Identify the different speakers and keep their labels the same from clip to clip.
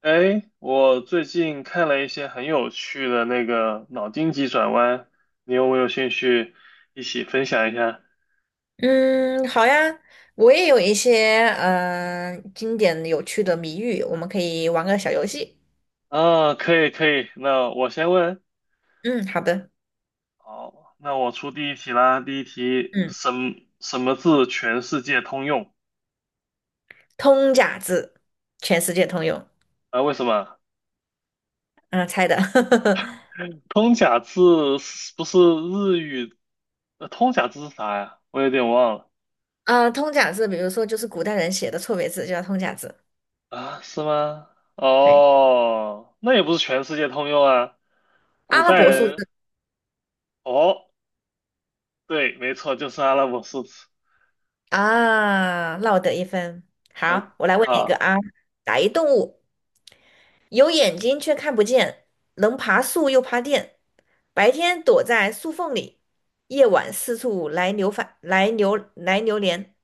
Speaker 1: 哎，我最近看了一些很有趣的脑筋急转弯，你有没有兴趣一起分享一下？
Speaker 2: 嗯，好呀，我也有一些经典有趣的谜语，我们可以玩个小游戏。
Speaker 1: 啊，可以可以，那我先问。
Speaker 2: 嗯，好的。
Speaker 1: 好，那我出第一题啦。第一题，
Speaker 2: 嗯，
Speaker 1: 什么字全世界通用？
Speaker 2: 通假字，全世界通用。
Speaker 1: 啊，为什么？
Speaker 2: 嗯、猜的。
Speaker 1: 通假字是不是日语？通假字是啥呀？我有点忘了。
Speaker 2: 啊，通假字，比如说就是古代人写的错别字，就叫通假字。
Speaker 1: 啊，是吗？
Speaker 2: 对，
Speaker 1: 哦，那也不是全世界通用啊。古
Speaker 2: 阿拉
Speaker 1: 代
Speaker 2: 伯数
Speaker 1: 人，
Speaker 2: 字
Speaker 1: 哦，对，没错，就是阿拉伯数字。
Speaker 2: 啊，落得一分。
Speaker 1: 呃，
Speaker 2: 好，我来问你一个
Speaker 1: 好
Speaker 2: 啊，打一动物。有眼睛却看不见，能爬树又爬电，白天躲在树缝里，夜晚四处来流返，来流来流连，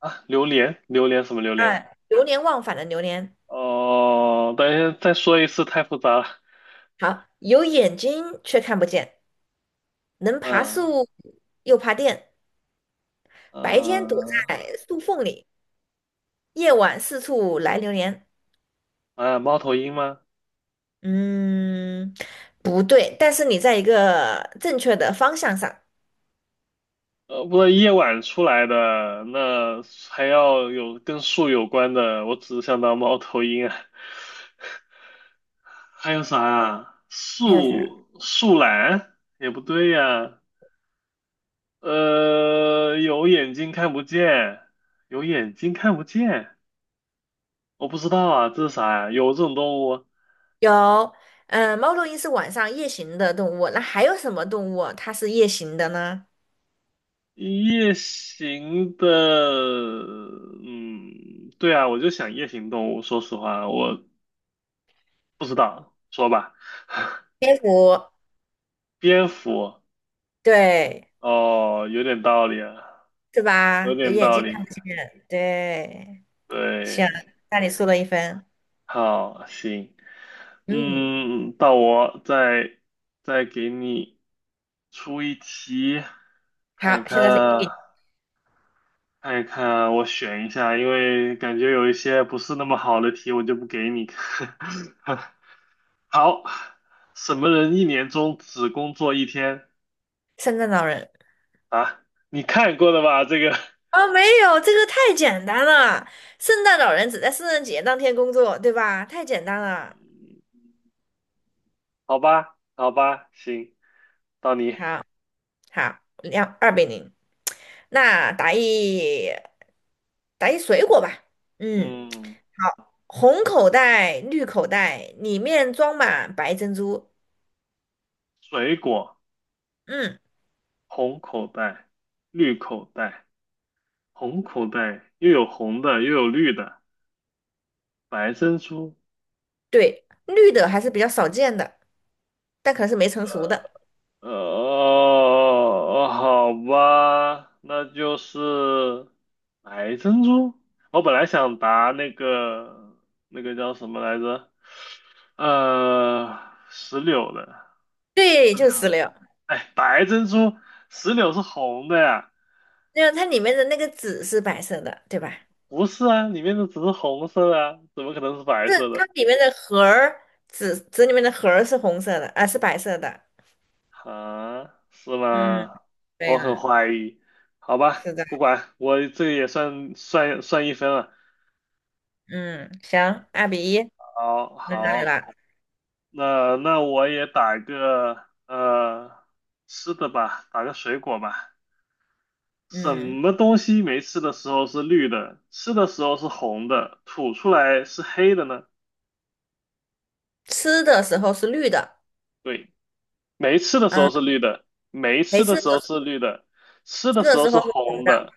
Speaker 1: 啊，榴莲，榴莲什么榴
Speaker 2: 啊，
Speaker 1: 莲？
Speaker 2: 流连忘返的流连。
Speaker 1: 哦，等一下再说一次，太复杂了。
Speaker 2: 好，有眼睛却看不见，能爬
Speaker 1: 嗯
Speaker 2: 树又爬电，白天躲
Speaker 1: 嗯
Speaker 2: 在树缝里，夜晚四处来流连。
Speaker 1: 啊，猫头鹰吗？
Speaker 2: 嗯，不对，但是你在一个正确的方向上。
Speaker 1: 呃，不是夜晚出来的，那还要有跟树有关的，我只想到猫头鹰啊。还有啥啊？
Speaker 2: 还有啥？
Speaker 1: 树懒也不对呀。有眼睛看不见，有眼睛看不见。我不知道啊，这是啥呀？有这种动物？
Speaker 2: 有，猫头鹰是晚上夜行的动物，那还有什么动物它是夜行的呢？
Speaker 1: 夜行的，嗯，对啊，我就想夜行动物。说实话，我不知道，说吧。
Speaker 2: 蝙蝠，
Speaker 1: 蝙蝠，
Speaker 2: 对，
Speaker 1: 哦，有点道理啊，
Speaker 2: 是
Speaker 1: 有
Speaker 2: 吧？有
Speaker 1: 点
Speaker 2: 眼
Speaker 1: 道
Speaker 2: 睛看
Speaker 1: 理。
Speaker 2: 不见，对，行，
Speaker 1: 对，
Speaker 2: 那你输了一分，
Speaker 1: 好，行，
Speaker 2: 嗯，
Speaker 1: 嗯，到我再给你出一题，看一
Speaker 2: 好，
Speaker 1: 看
Speaker 2: 现在是一比
Speaker 1: 啊。
Speaker 2: 零。
Speaker 1: 看一看，我选一下，因为感觉有一些不是那么好的题，我就不给你。看。好，什么人一年中只工作一天
Speaker 2: 圣诞老人。
Speaker 1: 啊？你看过的吧？这个，
Speaker 2: 哦，没有，这个太简单了。圣诞老人只在圣诞节当天工作，对吧？太简单了。
Speaker 1: 好吧，好吧，行，到你。
Speaker 2: 好，好，二比零。那打一水果吧。嗯。
Speaker 1: 嗯，
Speaker 2: 好，红口袋、绿口袋，里面装满白珍珠。
Speaker 1: 水果，
Speaker 2: 嗯，
Speaker 1: 红口袋，绿口袋，红口袋又有红的，又有绿的，白珍珠，
Speaker 2: 对，绿的还是比较少见的，但可能是没成熟的。
Speaker 1: 哦好吧，那就是白珍珠。我本来想答那个叫什么来着？呃，石榴的。
Speaker 2: 对，就是石榴。
Speaker 1: 哎，白珍珠，石榴是红的呀？
Speaker 2: 因为它里面的那个籽是白色的，对吧？
Speaker 1: 不是啊，里面的只是红色的啊，怎么可能是白
Speaker 2: 但是
Speaker 1: 色的？
Speaker 2: 它里面的核儿，籽里面的核儿是红色的，啊，是白色的。
Speaker 1: 啊，是
Speaker 2: 嗯，
Speaker 1: 吗？
Speaker 2: 对
Speaker 1: 我很
Speaker 2: 了，
Speaker 1: 怀疑。好吧，
Speaker 2: 是的。
Speaker 1: 不管，我这个也算一分了。
Speaker 2: 嗯，行，二比一，
Speaker 1: 好
Speaker 2: 轮到你
Speaker 1: 好。
Speaker 2: 了。
Speaker 1: 那我也打个吃的吧，打个水果吧。什
Speaker 2: 嗯，
Speaker 1: 么东西没吃的时候是绿的，吃的时候是红的，吐出来是黑的呢？
Speaker 2: 吃的时候是绿的，
Speaker 1: 对，没吃的时
Speaker 2: 嗯，
Speaker 1: 候是绿的，没
Speaker 2: 没
Speaker 1: 吃
Speaker 2: 吃
Speaker 1: 的
Speaker 2: 的
Speaker 1: 时候
Speaker 2: 时
Speaker 1: 是
Speaker 2: 候
Speaker 1: 绿的，吃
Speaker 2: 吃
Speaker 1: 的
Speaker 2: 的
Speaker 1: 时候
Speaker 2: 时
Speaker 1: 是
Speaker 2: 候是红
Speaker 1: 红
Speaker 2: 的，
Speaker 1: 的，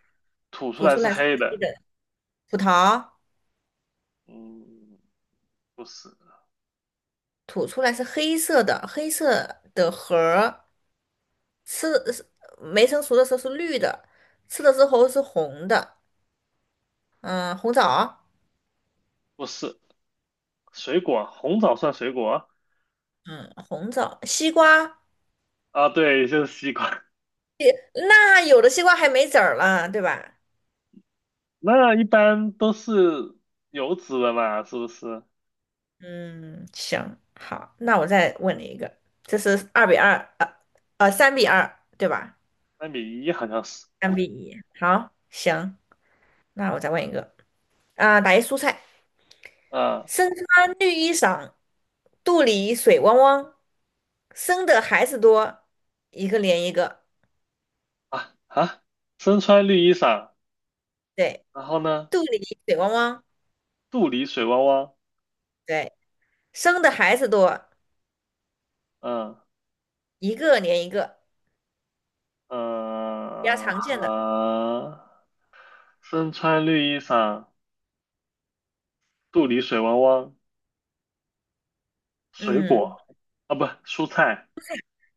Speaker 1: 吐出
Speaker 2: 吐
Speaker 1: 来
Speaker 2: 出
Speaker 1: 是
Speaker 2: 来是
Speaker 1: 黑
Speaker 2: 黑
Speaker 1: 的。
Speaker 2: 的。葡萄。
Speaker 1: 嗯，不是，
Speaker 2: 吐出来是黑色的，黑色的核儿，吃是没成熟的时候是绿的，吃的时候是红的，嗯，红枣，
Speaker 1: 不是，水果，红枣算水果
Speaker 2: 嗯，红枣，西瓜，
Speaker 1: 啊？对，就是西瓜。
Speaker 2: 也那有的西瓜还没籽儿了，对吧？
Speaker 1: 那一般都是有籽的嘛，是不是？
Speaker 2: 嗯，行，好，那我再问你一个，这是二比二，三比二，对吧？
Speaker 1: 3:1好像是，
Speaker 2: 三比一，好，行，那我再问一个，打一蔬菜。
Speaker 1: 啊
Speaker 2: 身穿绿衣裳，肚里水汪汪，生的孩子多，一个连一个。
Speaker 1: 啊啊！身穿绿衣裳，
Speaker 2: 对，
Speaker 1: 然后呢，
Speaker 2: 肚里水汪汪，
Speaker 1: 肚里水汪汪，
Speaker 2: 对，生的孩子多，
Speaker 1: 嗯
Speaker 2: 一个连一个，比较
Speaker 1: 嗯
Speaker 2: 常见的。
Speaker 1: 啊，身穿绿衣裳，肚里水汪汪，水
Speaker 2: 嗯，
Speaker 1: 果啊不，蔬菜，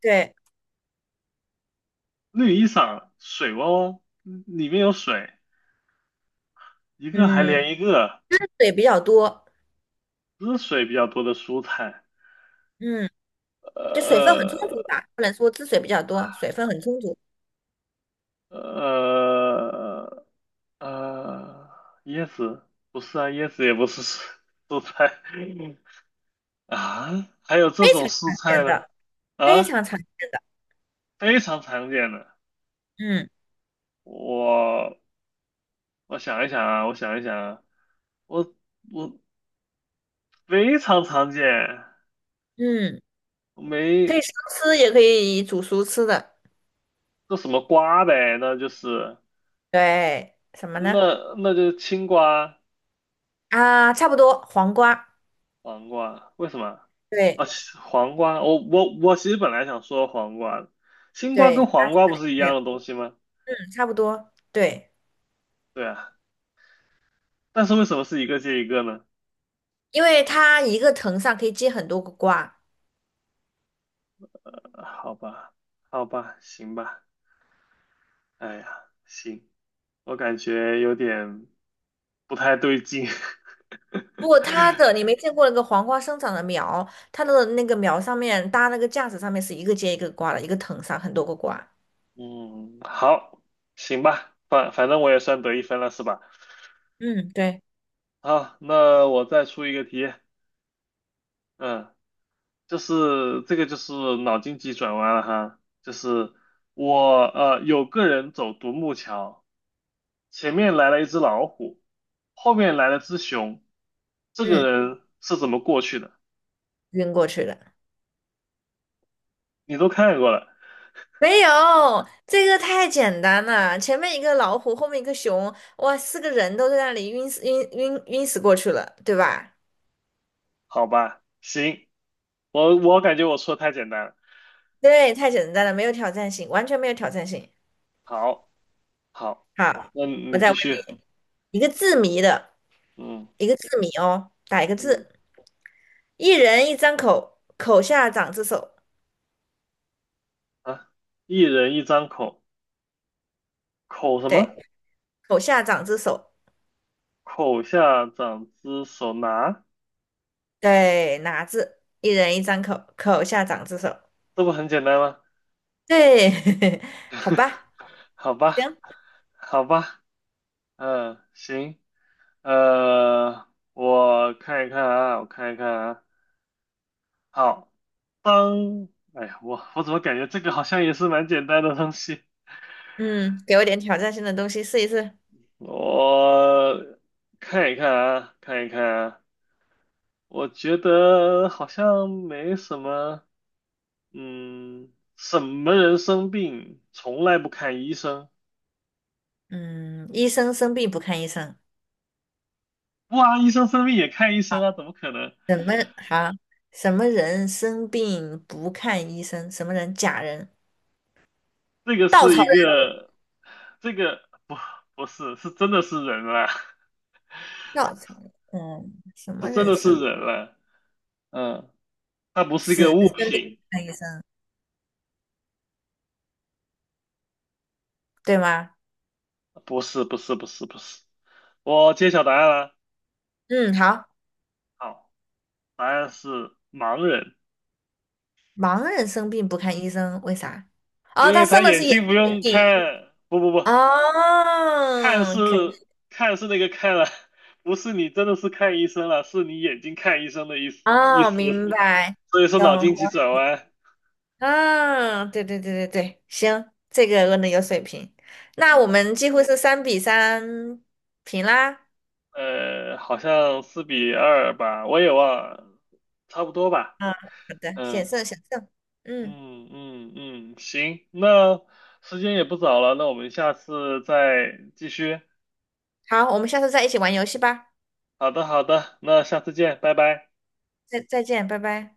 Speaker 2: 对，
Speaker 1: 绿衣裳，水汪汪，嗯里面有水，一个还
Speaker 2: 嗯，
Speaker 1: 连一个，
Speaker 2: 汁水比较多，
Speaker 1: 不是水比较多的蔬菜，
Speaker 2: 嗯，就水分很充
Speaker 1: 呃
Speaker 2: 足吧，不能说汁水比较多，水分很充足，
Speaker 1: 呃。呃呃，椰子不是啊，椰子也不是蔬菜 啊，还有这
Speaker 2: 非
Speaker 1: 种
Speaker 2: 常
Speaker 1: 蔬
Speaker 2: 常
Speaker 1: 菜
Speaker 2: 见
Speaker 1: 呢？
Speaker 2: 的，非
Speaker 1: 啊，
Speaker 2: 常常见的。
Speaker 1: 非常常见的。
Speaker 2: 嗯
Speaker 1: 我我想一想啊，我想一想啊，我我非常常见，
Speaker 2: 嗯，可以
Speaker 1: 没
Speaker 2: 生吃，也可以煮熟吃的。
Speaker 1: 这什么瓜呗，那就是
Speaker 2: 对，什么呢？
Speaker 1: 那就是青瓜、
Speaker 2: 啊，差不多，黄瓜，
Speaker 1: 黄瓜，为什么？啊，
Speaker 2: 对
Speaker 1: 其黄瓜，我其实本来想说黄瓜的，青瓜跟
Speaker 2: 对，那
Speaker 1: 黄瓜不是一
Speaker 2: 对，
Speaker 1: 样的东西吗？
Speaker 2: 差不多，对，
Speaker 1: 对啊。但是为什么是一个接一个呢？
Speaker 2: 因为它一个藤上可以结很多个瓜。
Speaker 1: 呃好吧，好吧，行吧，哎呀，行，我感觉有点不太对劲。
Speaker 2: 不过你没见过那个黄瓜生长的苗，它的那个苗上面搭那个架子上面是一个接一个瓜的，一个藤上很多个瓜。
Speaker 1: 嗯，好，行吧，反正我也算得一分了，是吧？
Speaker 2: 嗯，对，
Speaker 1: 好，那我再出一个题，嗯，就是这个就是脑筋急转弯了哈，就是我有个人走独木桥。前面来了一只老虎，后面来了只熊，这
Speaker 2: 嗯，
Speaker 1: 个人是怎么过去的？
Speaker 2: 晕过去了。
Speaker 1: 你都看过了，
Speaker 2: 没有，这个太简单了。前面一个老虎，后面一个熊，哇，四个人都在那里晕死过去了，对吧？
Speaker 1: 好吧？行，我感觉我说的太简单了。
Speaker 2: 对，太简单了，没有挑战性，完全没有挑战性。
Speaker 1: 好，好，
Speaker 2: 好，
Speaker 1: 那
Speaker 2: 我
Speaker 1: 你
Speaker 2: 再
Speaker 1: 继
Speaker 2: 问
Speaker 1: 续。
Speaker 2: 你一个字谜的，
Speaker 1: 嗯
Speaker 2: 一个字谜哦，打一个
Speaker 1: 嗯
Speaker 2: 字，一人一张口，口下长只手，
Speaker 1: 啊，一人一张口，口什
Speaker 2: 对，
Speaker 1: 么？
Speaker 2: 口下长只手，
Speaker 1: 口下长只手拿，
Speaker 2: 对，哪字？一人一张口，口下长只手，
Speaker 1: 这不很简单吗？
Speaker 2: 对，好 吧，
Speaker 1: 好吧，
Speaker 2: 行，
Speaker 1: 好吧，嗯，行，呃，我看一看啊，我看一看啊。好，当，哎呀，我怎么感觉这个好像也是蛮简单的东西？
Speaker 2: 嗯，给我点挑战性的东西试一试。
Speaker 1: 我看一看啊，看一看啊，我觉得好像没什么，嗯，什么人生病从来不看医生？
Speaker 2: 嗯，医生生病不看医生，
Speaker 1: 不啊，医生生病也看医生啊？怎么可能？
Speaker 2: 什么好？什么人生病不看医生？什么人？假人，
Speaker 1: 这个
Speaker 2: 稻
Speaker 1: 是
Speaker 2: 草
Speaker 1: 一
Speaker 2: 人，
Speaker 1: 个，这个不是是真的是人了，
Speaker 2: 稻草人，什
Speaker 1: 这
Speaker 2: 么
Speaker 1: 真
Speaker 2: 人
Speaker 1: 的是
Speaker 2: 生？
Speaker 1: 人了，嗯，它不是一个
Speaker 2: 死
Speaker 1: 物品，
Speaker 2: 看医生，对吗？
Speaker 1: 不是。我揭晓答案了。
Speaker 2: 嗯，好，
Speaker 1: 好，答案是盲人，
Speaker 2: 盲人生病不看医生，为啥？
Speaker 1: 因
Speaker 2: 哦，他
Speaker 1: 为他
Speaker 2: 生的
Speaker 1: 眼
Speaker 2: 是眼
Speaker 1: 睛不
Speaker 2: 睛的
Speaker 1: 用
Speaker 2: 病。
Speaker 1: 看，不不不，看是
Speaker 2: 哦，可以，
Speaker 1: 看是那个看了，不是你真的是看医生了，是你眼睛看医生的意思意
Speaker 2: 哦，
Speaker 1: 思，
Speaker 2: 明白，
Speaker 1: 所以说脑
Speaker 2: 懂，
Speaker 1: 筋急转弯，
Speaker 2: 啊，对对对对对，行，这个问的有水平。那我
Speaker 1: 嗯，
Speaker 2: 们几乎是三比三平啦。
Speaker 1: 好像4:2吧，我也忘了，差不多吧，
Speaker 2: 嗯，好的，险
Speaker 1: 嗯
Speaker 2: 胜险胜。嗯，
Speaker 1: 嗯，行，那时间也不早了，那我们下次再继续。
Speaker 2: 好，我们下次再一起玩游戏吧。
Speaker 1: 好的，好的，那下次见，拜拜。
Speaker 2: 再见，拜拜。